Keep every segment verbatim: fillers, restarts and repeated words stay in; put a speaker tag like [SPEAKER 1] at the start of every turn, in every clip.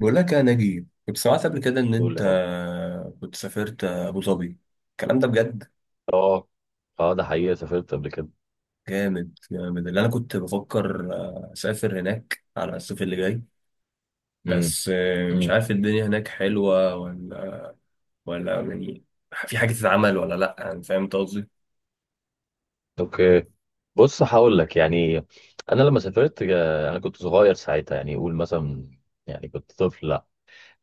[SPEAKER 1] بقول لك يا نجيب، كنت سمعت قبل كده ان
[SPEAKER 2] قول
[SPEAKER 1] انت
[SPEAKER 2] يا رب.
[SPEAKER 1] كنت سافرت ابو ظبي؟ الكلام ده بجد؟
[SPEAKER 2] اه، اه، ده حقيقة سافرت قبل كده.
[SPEAKER 1] جامد جامد. اللي انا كنت بفكر اسافر هناك على الصيف اللي جاي،
[SPEAKER 2] امم
[SPEAKER 1] بس مش
[SPEAKER 2] امم
[SPEAKER 1] عارف الدنيا هناك حلوة ولا ولا يعني في حاجة تتعمل ولا لا، يعني فاهم أنت قصدي.
[SPEAKER 2] اوكي. بص، هقول لك يعني انا لما سافرت، آه، انا كنت صغير ساعتها، يعني قول مثلا، يعني كنت طفل.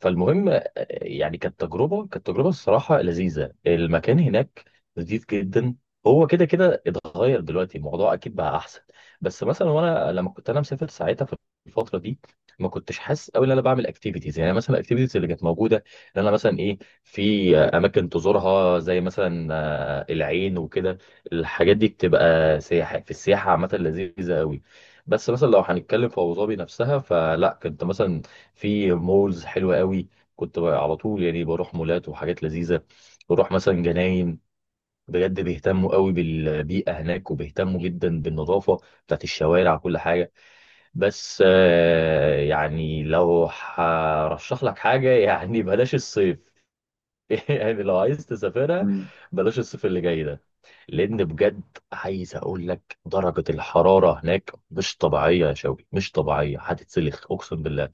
[SPEAKER 2] فالمهم، آه، يعني كانت تجربه كانت تجربه الصراحه لذيذه، المكان هناك لذيذ جدا. هو كده كده اتغير دلوقتي، الموضوع اكيد بقى احسن. بس مثلا، وانا لما كنت انا مسافر ساعتها في الفتره دي، ما كنتش حاسس قوي ان انا بعمل اكتيفيتيز، يعني مثلا الاكتيفيتيز اللي كانت موجوده، ان انا مثلا ايه، في آه، اماكن تزورها زي مثلا آه، العين وكده. الحاجات دي بتبقى سياحه، في السياحه عامه لذيذه قوي. بس مثلا لو هنتكلم في ابو ظبي نفسها، فلا كنت مثلا في مولز حلوة قوي. كنت بقى على طول يعني بروح مولات وحاجات لذيذة، بروح مثلا جناين. بجد بيهتموا قوي بالبيئة هناك، وبيهتموا جدا بالنظافة بتاعت الشوارع، كل حاجة. بس آه، يعني لو هرشح لك حاجة يعني بلاش الصيف. يعني لو عايز تسافرها،
[SPEAKER 1] مم.
[SPEAKER 2] بلاش الصيف اللي جاي ده. لان بجد، عايز اقول لك درجه الحراره هناك مش طبيعيه، يا شوقي مش طبيعيه، هتتسلخ اقسم بالله.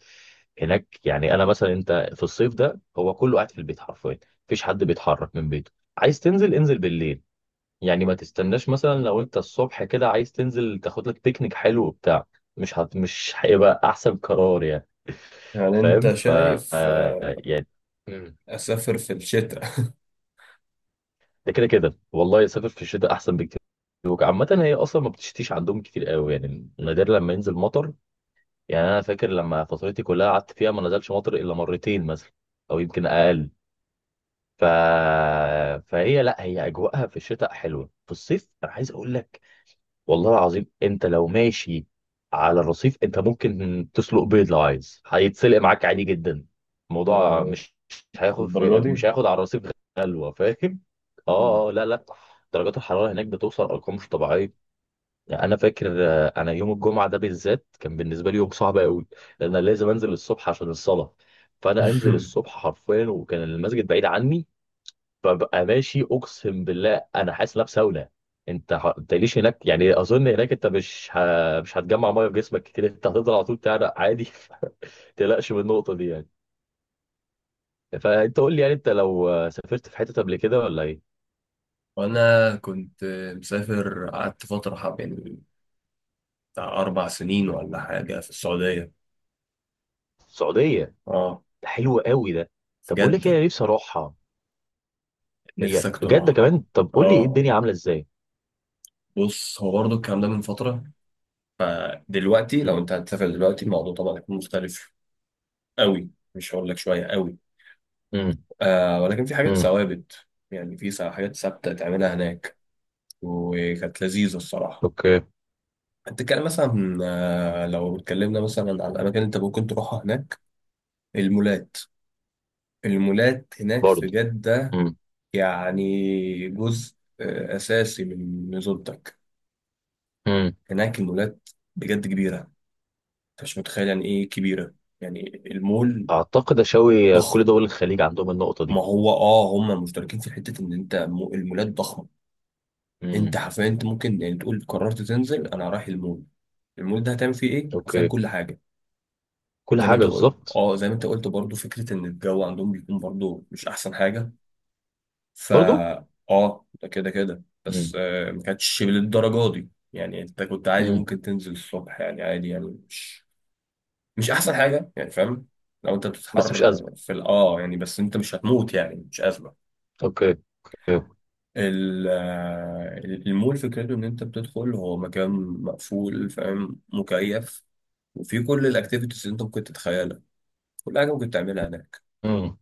[SPEAKER 2] هناك يعني انا مثلا، انت في الصيف ده هو كله قاعد في البيت حرفيا، مفيش حد بيتحرك من بيته. عايز تنزل، انزل بالليل. يعني ما تستناش مثلا، لو انت الصبح كده عايز تنزل تاخد لك بيكنيك حلو وبتاع، مش هت... مش هيبقى احسن قرار يعني.
[SPEAKER 1] يعني
[SPEAKER 2] فاهم.
[SPEAKER 1] انت
[SPEAKER 2] ف
[SPEAKER 1] شايف
[SPEAKER 2] آه، يعني. مم.
[SPEAKER 1] اسافر في الشتاء؟
[SPEAKER 2] ده كده كده، والله يسافر في الشتاء احسن بكتير. عامة هي اصلا ما بتشتيش عندهم كتير قوي، يعني نادر لما ينزل مطر. يعني انا فاكر، لما فترتي كلها قعدت فيها ما نزلش مطر الا مرتين مثلا، او يمكن اقل. ف... فهي لا، هي اجواءها في الشتاء حلوه. في الصيف انا عايز اقول لك، والله العظيم، انت لو ماشي على الرصيف انت ممكن تسلق بيض، لو عايز هيتسلق معاك عادي جدا. الموضوع مش مش هياخد في
[SPEAKER 1] الدرجة دي؟
[SPEAKER 2] مش هياخد على الرصيف. غلوه، فاهم.
[SPEAKER 1] مم.
[SPEAKER 2] اه، اه، لا، لا، درجات الحراره هناك بتوصل ارقام مش طبيعيه. يعني انا فاكر، آه، انا يوم الجمعه ده بالذات كان بالنسبه لي يوم صعب قوي. لان انا لازم انزل الصبح عشان الصلاه، فانا انزل الصبح حرفيا، وكان المسجد بعيد عني. ببقى ماشي اقسم بالله، انا حاسس ان أنا في ساونا. انت ح... انت ليش هناك يعني، اظن هناك انت مش ه... مش هتجمع ميه في جسمك كتير، انت هتفضل على طول تعرق عادي. ما تقلقش من النقطه دي يعني. فانت قول لي يعني، انت لو سافرت في حته قبل كده ولا ايه؟
[SPEAKER 1] وانا كنت مسافر، قعدت فترة حب يعني بتاع أربع سنين ولا حاجة في السعودية.
[SPEAKER 2] السعوديه،
[SPEAKER 1] اه،
[SPEAKER 2] ده حلو قوي ده.
[SPEAKER 1] في
[SPEAKER 2] طب بقول لك إيه،
[SPEAKER 1] جدة.
[SPEAKER 2] انا نفسي اروحها. هي
[SPEAKER 1] نفسك
[SPEAKER 2] بجد
[SPEAKER 1] تروحها؟
[SPEAKER 2] كمان، طب
[SPEAKER 1] اه.
[SPEAKER 2] قول لي ايه
[SPEAKER 1] آه.
[SPEAKER 2] الدنيا عامله ازاي.
[SPEAKER 1] بص، هو برضه الكلام ده من فترة، فدلوقتي لو
[SPEAKER 2] امم
[SPEAKER 1] أنت هتسافر دلوقتي الموضوع طبعا هيكون مختلف أوي، مش هقول لك شوية أوي.
[SPEAKER 2] امم
[SPEAKER 1] آه، ولكن في حاجات
[SPEAKER 2] امم
[SPEAKER 1] ثوابت، يعني في سا- حاجات ثابتة تعملها هناك، وكانت لذيذة الصراحة.
[SPEAKER 2] اوكي.
[SPEAKER 1] هتتكلم مثلا آه، لو اتكلمنا مثلا على الأماكن اللي أنت ممكن تروحها هناك، المولات. المولات هناك في
[SPEAKER 2] برضه.
[SPEAKER 1] جدة
[SPEAKER 2] امم
[SPEAKER 1] يعني جزء آه، أساسي من نزولتك
[SPEAKER 2] امم
[SPEAKER 1] هناك. المولات بجد كبيرة، أنت مش متخيل يعني إيه كبيرة. يعني المول
[SPEAKER 2] اعتقد اشاوي
[SPEAKER 1] ضخم.
[SPEAKER 2] كل دول الخليج عندهم النقطه
[SPEAKER 1] ما
[SPEAKER 2] دي.
[SPEAKER 1] هو آه هم مشتركين في حتة إن أنت مو- المولات ضخمة.
[SPEAKER 2] امم
[SPEAKER 1] أنت حرفيا أنت ممكن يعني تقول قررت تنزل أنا رايح المول. المول ده هتعمل فيه إيه؟ حرفيا
[SPEAKER 2] اوكي.
[SPEAKER 1] كل حاجة.
[SPEAKER 2] كل
[SPEAKER 1] زي ما
[SPEAKER 2] حاجه
[SPEAKER 1] أنت قلت
[SPEAKER 2] بالظبط.
[SPEAKER 1] آه، زي ما أنت قلت برضه، فكرة إن الجو عندهم بيكون برضه مش أحسن حاجة.
[SPEAKER 2] برضو.
[SPEAKER 1] فا اه، ده كده كده،
[SPEAKER 2] امم
[SPEAKER 1] بس آه، ما كانتش للدرجه دي، يعني انت كنت عادي
[SPEAKER 2] امم
[SPEAKER 1] ممكن تنزل الصبح، يعني عادي، يعني مش مش احسن حاجه، يعني فاهم. لو انت
[SPEAKER 2] بس مش
[SPEAKER 1] بتتحر
[SPEAKER 2] ازمه.
[SPEAKER 1] في ال- اه يعني، بس انت مش هتموت يعني، مش ازمه.
[SPEAKER 2] اوكي.
[SPEAKER 1] ال- آه، المول فكرته ان انت بتدخل هو مكان مقفول، فاهم، مكيف. وفي كل الاكتيفيتيز اللي انت ممكن تتخيلها، كل حاجه ممكن تعملها هناك.
[SPEAKER 2] امم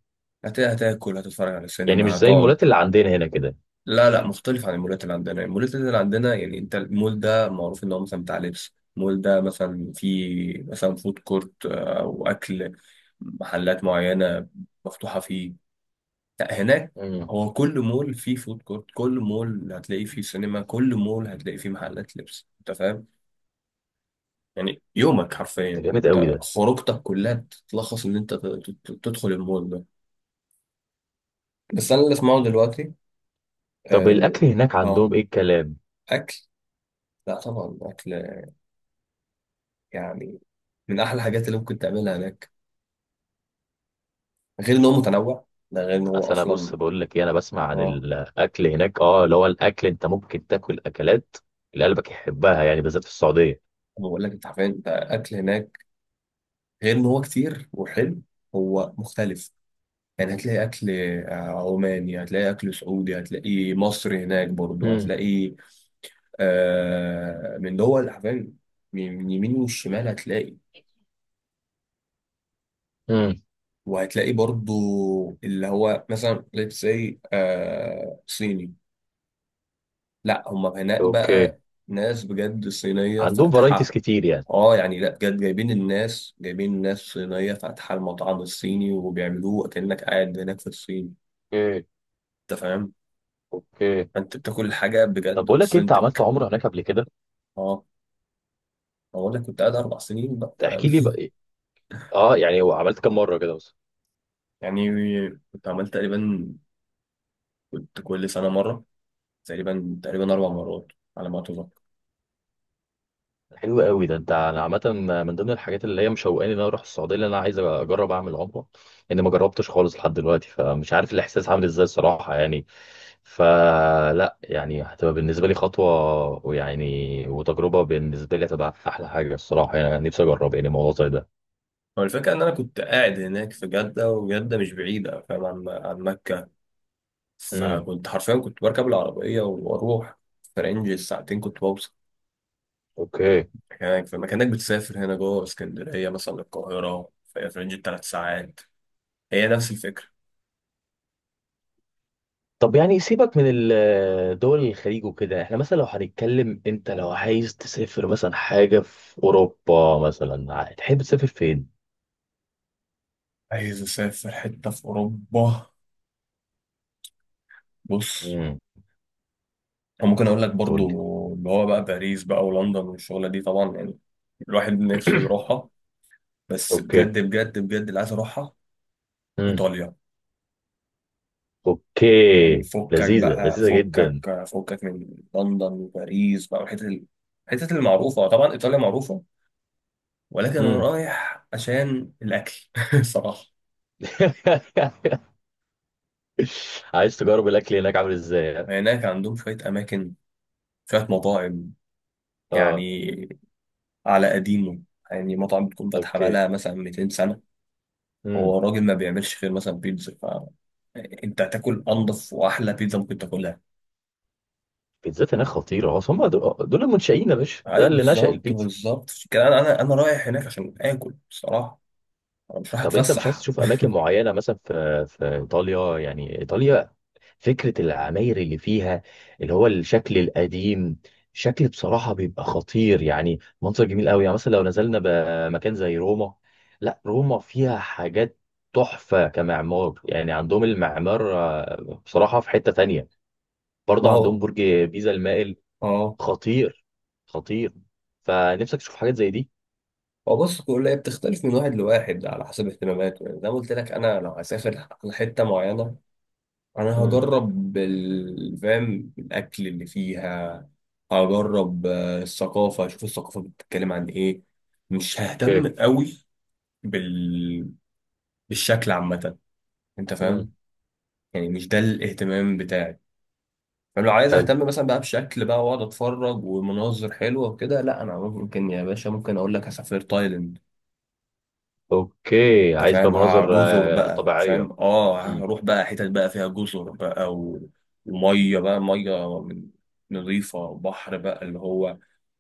[SPEAKER 1] هت- هتاكل، هتتفرج على
[SPEAKER 2] يعني
[SPEAKER 1] السينما،
[SPEAKER 2] مش زي
[SPEAKER 1] هتقعد.
[SPEAKER 2] المولات اللي عندنا هنا كده.
[SPEAKER 1] لا لا، مختلف عن المولات اللي عندنا. المولات اللي عندنا يعني انت المول ده معروف ان هو مثلا بتاع لبس. المول ده مثلا فيه مثلا فود كورت، آه، او اكل، محلات معينه مفتوحه فيه. لا هناك
[SPEAKER 2] امم
[SPEAKER 1] هو كل مول فيه فود كورت، كل مول هتلاقي فيه سينما، كل مول هتلاقي فيه محلات لبس، انت فاهم. يعني يومك حرفيا،
[SPEAKER 2] ده جامد قوي
[SPEAKER 1] انت
[SPEAKER 2] ده.
[SPEAKER 1] خروجتك كلها تتلخص ان انت ت- ت- تدخل المول ده. بس انا اللي اسمعه دلوقتي
[SPEAKER 2] طب
[SPEAKER 1] آه، ان
[SPEAKER 2] الاكل هناك
[SPEAKER 1] اه
[SPEAKER 2] عندهم ايه الكلام؟
[SPEAKER 1] اكل. لا طبعا اكل، يعني من احلى الحاجات اللي ممكن تعملها هناك. غير ان هو متنوع، ده غير ان هو
[SPEAKER 2] اصل انا، بص،
[SPEAKER 1] اصلا
[SPEAKER 2] بقول لك ايه، انا بسمع عن
[SPEAKER 1] اه.
[SPEAKER 2] الاكل هناك، اه، اللي هو الاكل انت ممكن تاكل اكلات اللي قلبك يحبها، يعني بالذات في السعوديه.
[SPEAKER 1] بقول لك انت عارفين انت اكل هناك غير ان هو كتير وحلو، هو مختلف. يعني هتلاقي اكل آه، عماني، هتلاقي اكل سعودي، هتلاقي مصري هناك برضو.
[SPEAKER 2] امم
[SPEAKER 1] هتلاقي آه من دول حرفيا، من من يمين والشمال هتلاقي.
[SPEAKER 2] امم
[SPEAKER 1] وهتلاقي برضو اللي هو مثلا let's say آه صيني. لا هم هناك
[SPEAKER 2] اوكي.
[SPEAKER 1] بقى ناس بجد صينية
[SPEAKER 2] عندهم فرايتيز
[SPEAKER 1] فاتحة.
[SPEAKER 2] كتير يعني.
[SPEAKER 1] اه يعني، لا بجد جايبين الناس، جايبين ناس صينية فاتحة المطعم الصيني وبيعملوه كأنك قاعد هناك في الصين.
[SPEAKER 2] اوكي،
[SPEAKER 1] انت فاهم،
[SPEAKER 2] اوكي،
[SPEAKER 1] انت بتاكل الحاجة
[SPEAKER 2] طب
[SPEAKER 1] بجد
[SPEAKER 2] بقول لك إيه، انت عملت
[SPEAKER 1] اوثنتك.
[SPEAKER 2] عمره هناك قبل كده؟
[SPEAKER 1] اه. هو انا كنت قاعد اربع سنين بقى فاهم.
[SPEAKER 2] تحكي لي بقى إيه؟ اه يعني، هو عملت كام مره كده؟
[SPEAKER 1] يعني كنت عملت تقريبا، كنت كل سنة مرة، تقريبا تقريبا اربع مرات على ما اتذكر.
[SPEAKER 2] حلو قوي ده، انت. انا عامه من ضمن الحاجات اللي هي مشوقاني ان انا اروح السعوديه، اللي انا عايز اجرب اعمل عمره. لان ما جربتش خالص لحد دلوقتي، فمش عارف الاحساس عامل ازاي الصراحه يعني. فلا يعني، هتبقى بالنسبه لي خطوه، ويعني وتجربه بالنسبه لي هتبقى احلى حاجه الصراحه. يعني انا نفسي اجرب يعني موضوع زي ده.
[SPEAKER 1] هو الفكرة إن أنا كنت قاعد هناك في جدة، وجدة مش بعيدة فاهم عن عن مكة.
[SPEAKER 2] امم
[SPEAKER 1] فكنت حرفيا كنت بركب العربية وأروح في رينج الساعتين كنت بوصل
[SPEAKER 2] اوكي.
[SPEAKER 1] مكانك. فما كأنك بتسافر هنا جوه اسكندرية مثلا للقاهرة في في رينج التلات ساعات. هي نفس الفكرة.
[SPEAKER 2] طب يعني، سيبك من ال- دول الخليج وكده، احنا مثلا لو هنتكلم، انت لو عايز تسافر مثلا حاجه في اوروبا، مثلا تحب تسافر فين؟
[SPEAKER 1] عايز أسافر حتة في أوروبا. بص،
[SPEAKER 2] امم
[SPEAKER 1] وممكن أقول لك برضو اللي هو بقى باريس بقى ولندن، والشغلة دي طبعا يعني الواحد نفسه يروحها. بس
[SPEAKER 2] اوكي.
[SPEAKER 1] بجد بجد بجد، اللي عايز أروحها
[SPEAKER 2] امم
[SPEAKER 1] إيطاليا. يعني
[SPEAKER 2] اوكي.
[SPEAKER 1] فكك
[SPEAKER 2] لذيذة،
[SPEAKER 1] بقى،
[SPEAKER 2] لذيذة
[SPEAKER 1] فكك
[SPEAKER 2] جدا.
[SPEAKER 1] فكك من لندن وباريس بقى، والحتت ال- الحتت المعروفة. طبعا إيطاليا معروفة، ولكن أنا
[SPEAKER 2] امم
[SPEAKER 1] رايح عشان الأكل. صراحة.
[SPEAKER 2] عايز تجرب الاكل هناك عامل ازاي ها؟
[SPEAKER 1] هناك عندهم شوية أماكن، شوية مطاعم،
[SPEAKER 2] اه،
[SPEAKER 1] يعني على قديمه. يعني مطعم بتكون فاتحة
[SPEAKER 2] اوكي.
[SPEAKER 1] بقالها مثلا 200 سنة، هو
[SPEAKER 2] امم
[SPEAKER 1] راجل ما بيعملش غير مثلا بيتزا. فأنت هتاكل أنضف وأحلى بيتزا ممكن تاكلها.
[SPEAKER 2] بيتزات هناك خطيرة، اصل هم دول دول المنشئين يا باشا، ده
[SPEAKER 1] أيوة
[SPEAKER 2] اللي نشأ
[SPEAKER 1] بالظبط
[SPEAKER 2] البيتزا.
[SPEAKER 1] بالظبط، عشان كده أنا أنا أنا رايح هناك عشان آكل بصراحة، أنا مش رايح
[SPEAKER 2] طب انت مش عايز
[SPEAKER 1] أتفسح.
[SPEAKER 2] تشوف اماكن معينة مثلا في في ايطاليا، يعني ايطاليا، فكرة العماير اللي فيها، اللي هو الشكل القديم، شكل بصراحة بيبقى خطير. يعني منظر جميل قوي، يعني مثلا لو نزلنا بمكان زي روما. لا، روما فيها حاجات تحفة كمعمار، يعني عندهم المعمار آه، بصراحة في حتة تانية.
[SPEAKER 1] ما
[SPEAKER 2] برضه
[SPEAKER 1] هو
[SPEAKER 2] عندهم برج بيزا المائل،
[SPEAKER 1] أه.
[SPEAKER 2] خطير، خطير. فنفسك تشوف حاجات زي دي.
[SPEAKER 1] هو بص كل هي بتختلف من واحد لواحد على حسب اهتماماته. يعني زي ما قلت لك أنا لو هسافر على حتة معينة، انا
[SPEAKER 2] مم.
[SPEAKER 1] هجرب ال- فاهم الاكل اللي فيها. هجرب آه، الثقافه، اشوف الثقافه بتتكلم عن ايه. مش
[SPEAKER 2] اوكي.
[SPEAKER 1] ههتم قوي بال... بالشكل عامه، انت
[SPEAKER 2] مم.
[SPEAKER 1] فاهم. يعني مش ده الاهتمام بتاعي. فلو عايز
[SPEAKER 2] حلو.
[SPEAKER 1] اهتم مثلا بقى بشكل بقى واقعد اتفرج ومناظر حلوه وكده، لا انا ممكن يا باشا ممكن اقول لك هسافر تايلاند.
[SPEAKER 2] اوكي،
[SPEAKER 1] انت
[SPEAKER 2] عايز بقى
[SPEAKER 1] فاهم ها-
[SPEAKER 2] مناظر
[SPEAKER 1] جزر
[SPEAKER 2] آه،
[SPEAKER 1] بقى،
[SPEAKER 2] طبيعية.
[SPEAKER 1] فاهم، اه
[SPEAKER 2] مم.
[SPEAKER 1] هروح بقى حتت بقى فيها جزر بقى و... وميه بقى ميه من نظيفه بحر بقى اللي هو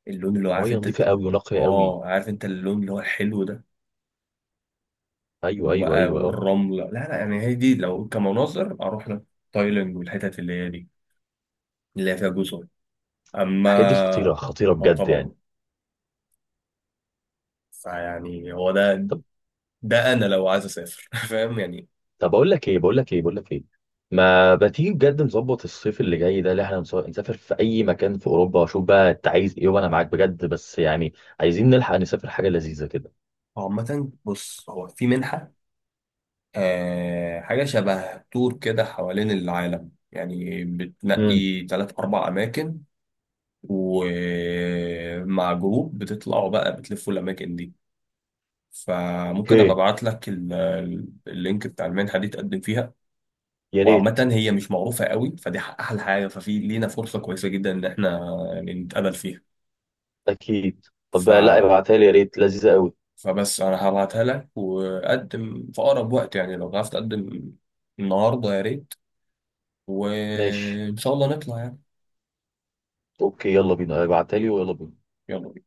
[SPEAKER 1] اللون اللي هو عارف
[SPEAKER 2] مية
[SPEAKER 1] انت.
[SPEAKER 2] نظيفة قوي ونقية قوي.
[SPEAKER 1] اه عارف انت اللون اللي هو الحلو ده
[SPEAKER 2] ايوه، ايوه،
[SPEAKER 1] وبقى
[SPEAKER 2] ايوه، اه.
[SPEAKER 1] والرمله. لا لا يعني هي دي، لو كمناظر اروح لك تايلاند والحتت اللي هي دي اللي هي فيها جزر.
[SPEAKER 2] الحاجات دي خطيره،
[SPEAKER 1] اما
[SPEAKER 2] خطيره
[SPEAKER 1] اه
[SPEAKER 2] بجد يعني.
[SPEAKER 1] طبعا. فيعني هو ده،
[SPEAKER 2] طب،
[SPEAKER 1] ده انا لو عايز اسافر. فاهم يعني.
[SPEAKER 2] طب، اقول لك ايه بقول لك ايه بقول لك ايه. ما بتيجي بجد نظبط الصيف اللي جاي ده اللي احنا نسو- نسافر في اي مكان في اوروبا، واشوف بقى انت عايز ايه، وانا معاك بجد، بس يعني عايزين نلحق نسافر حاجه لذيذه كده.
[SPEAKER 1] هو عامة بص هو في منحة، آه حاجة شبه تور كده حوالين العالم، يعني
[SPEAKER 2] امم
[SPEAKER 1] بتنقي تلات أربع أماكن ومع جروب بتطلعوا بقى بتلفوا الأماكن دي. فممكن أبقى
[SPEAKER 2] اوكي.
[SPEAKER 1] أبعت لك ال- ال- اللينك بتاع المنحة دي تقدم فيها.
[SPEAKER 2] يا ريت.
[SPEAKER 1] وعامة هي مش معروفة قوي، فدي ح- أحلى حاجة. ففي لينا فرصة كويسة جدا إن إحنا يعني نتقابل فيها.
[SPEAKER 2] اكيد. طب
[SPEAKER 1] ف...
[SPEAKER 2] بقى، لا ابعتها لي يا ريت، لذيذه قوي.
[SPEAKER 1] فبس أنا هبعتها لك، وقدم في أقرب وقت، يعني لو عرفت تقدم النهاردة يا ريت،
[SPEAKER 2] ماشي،
[SPEAKER 1] وإن شاء الله نطلع يعني.
[SPEAKER 2] اوكي. يلا بينا، ابعتها لي، ويلا بينا.
[SPEAKER 1] يلا بينا.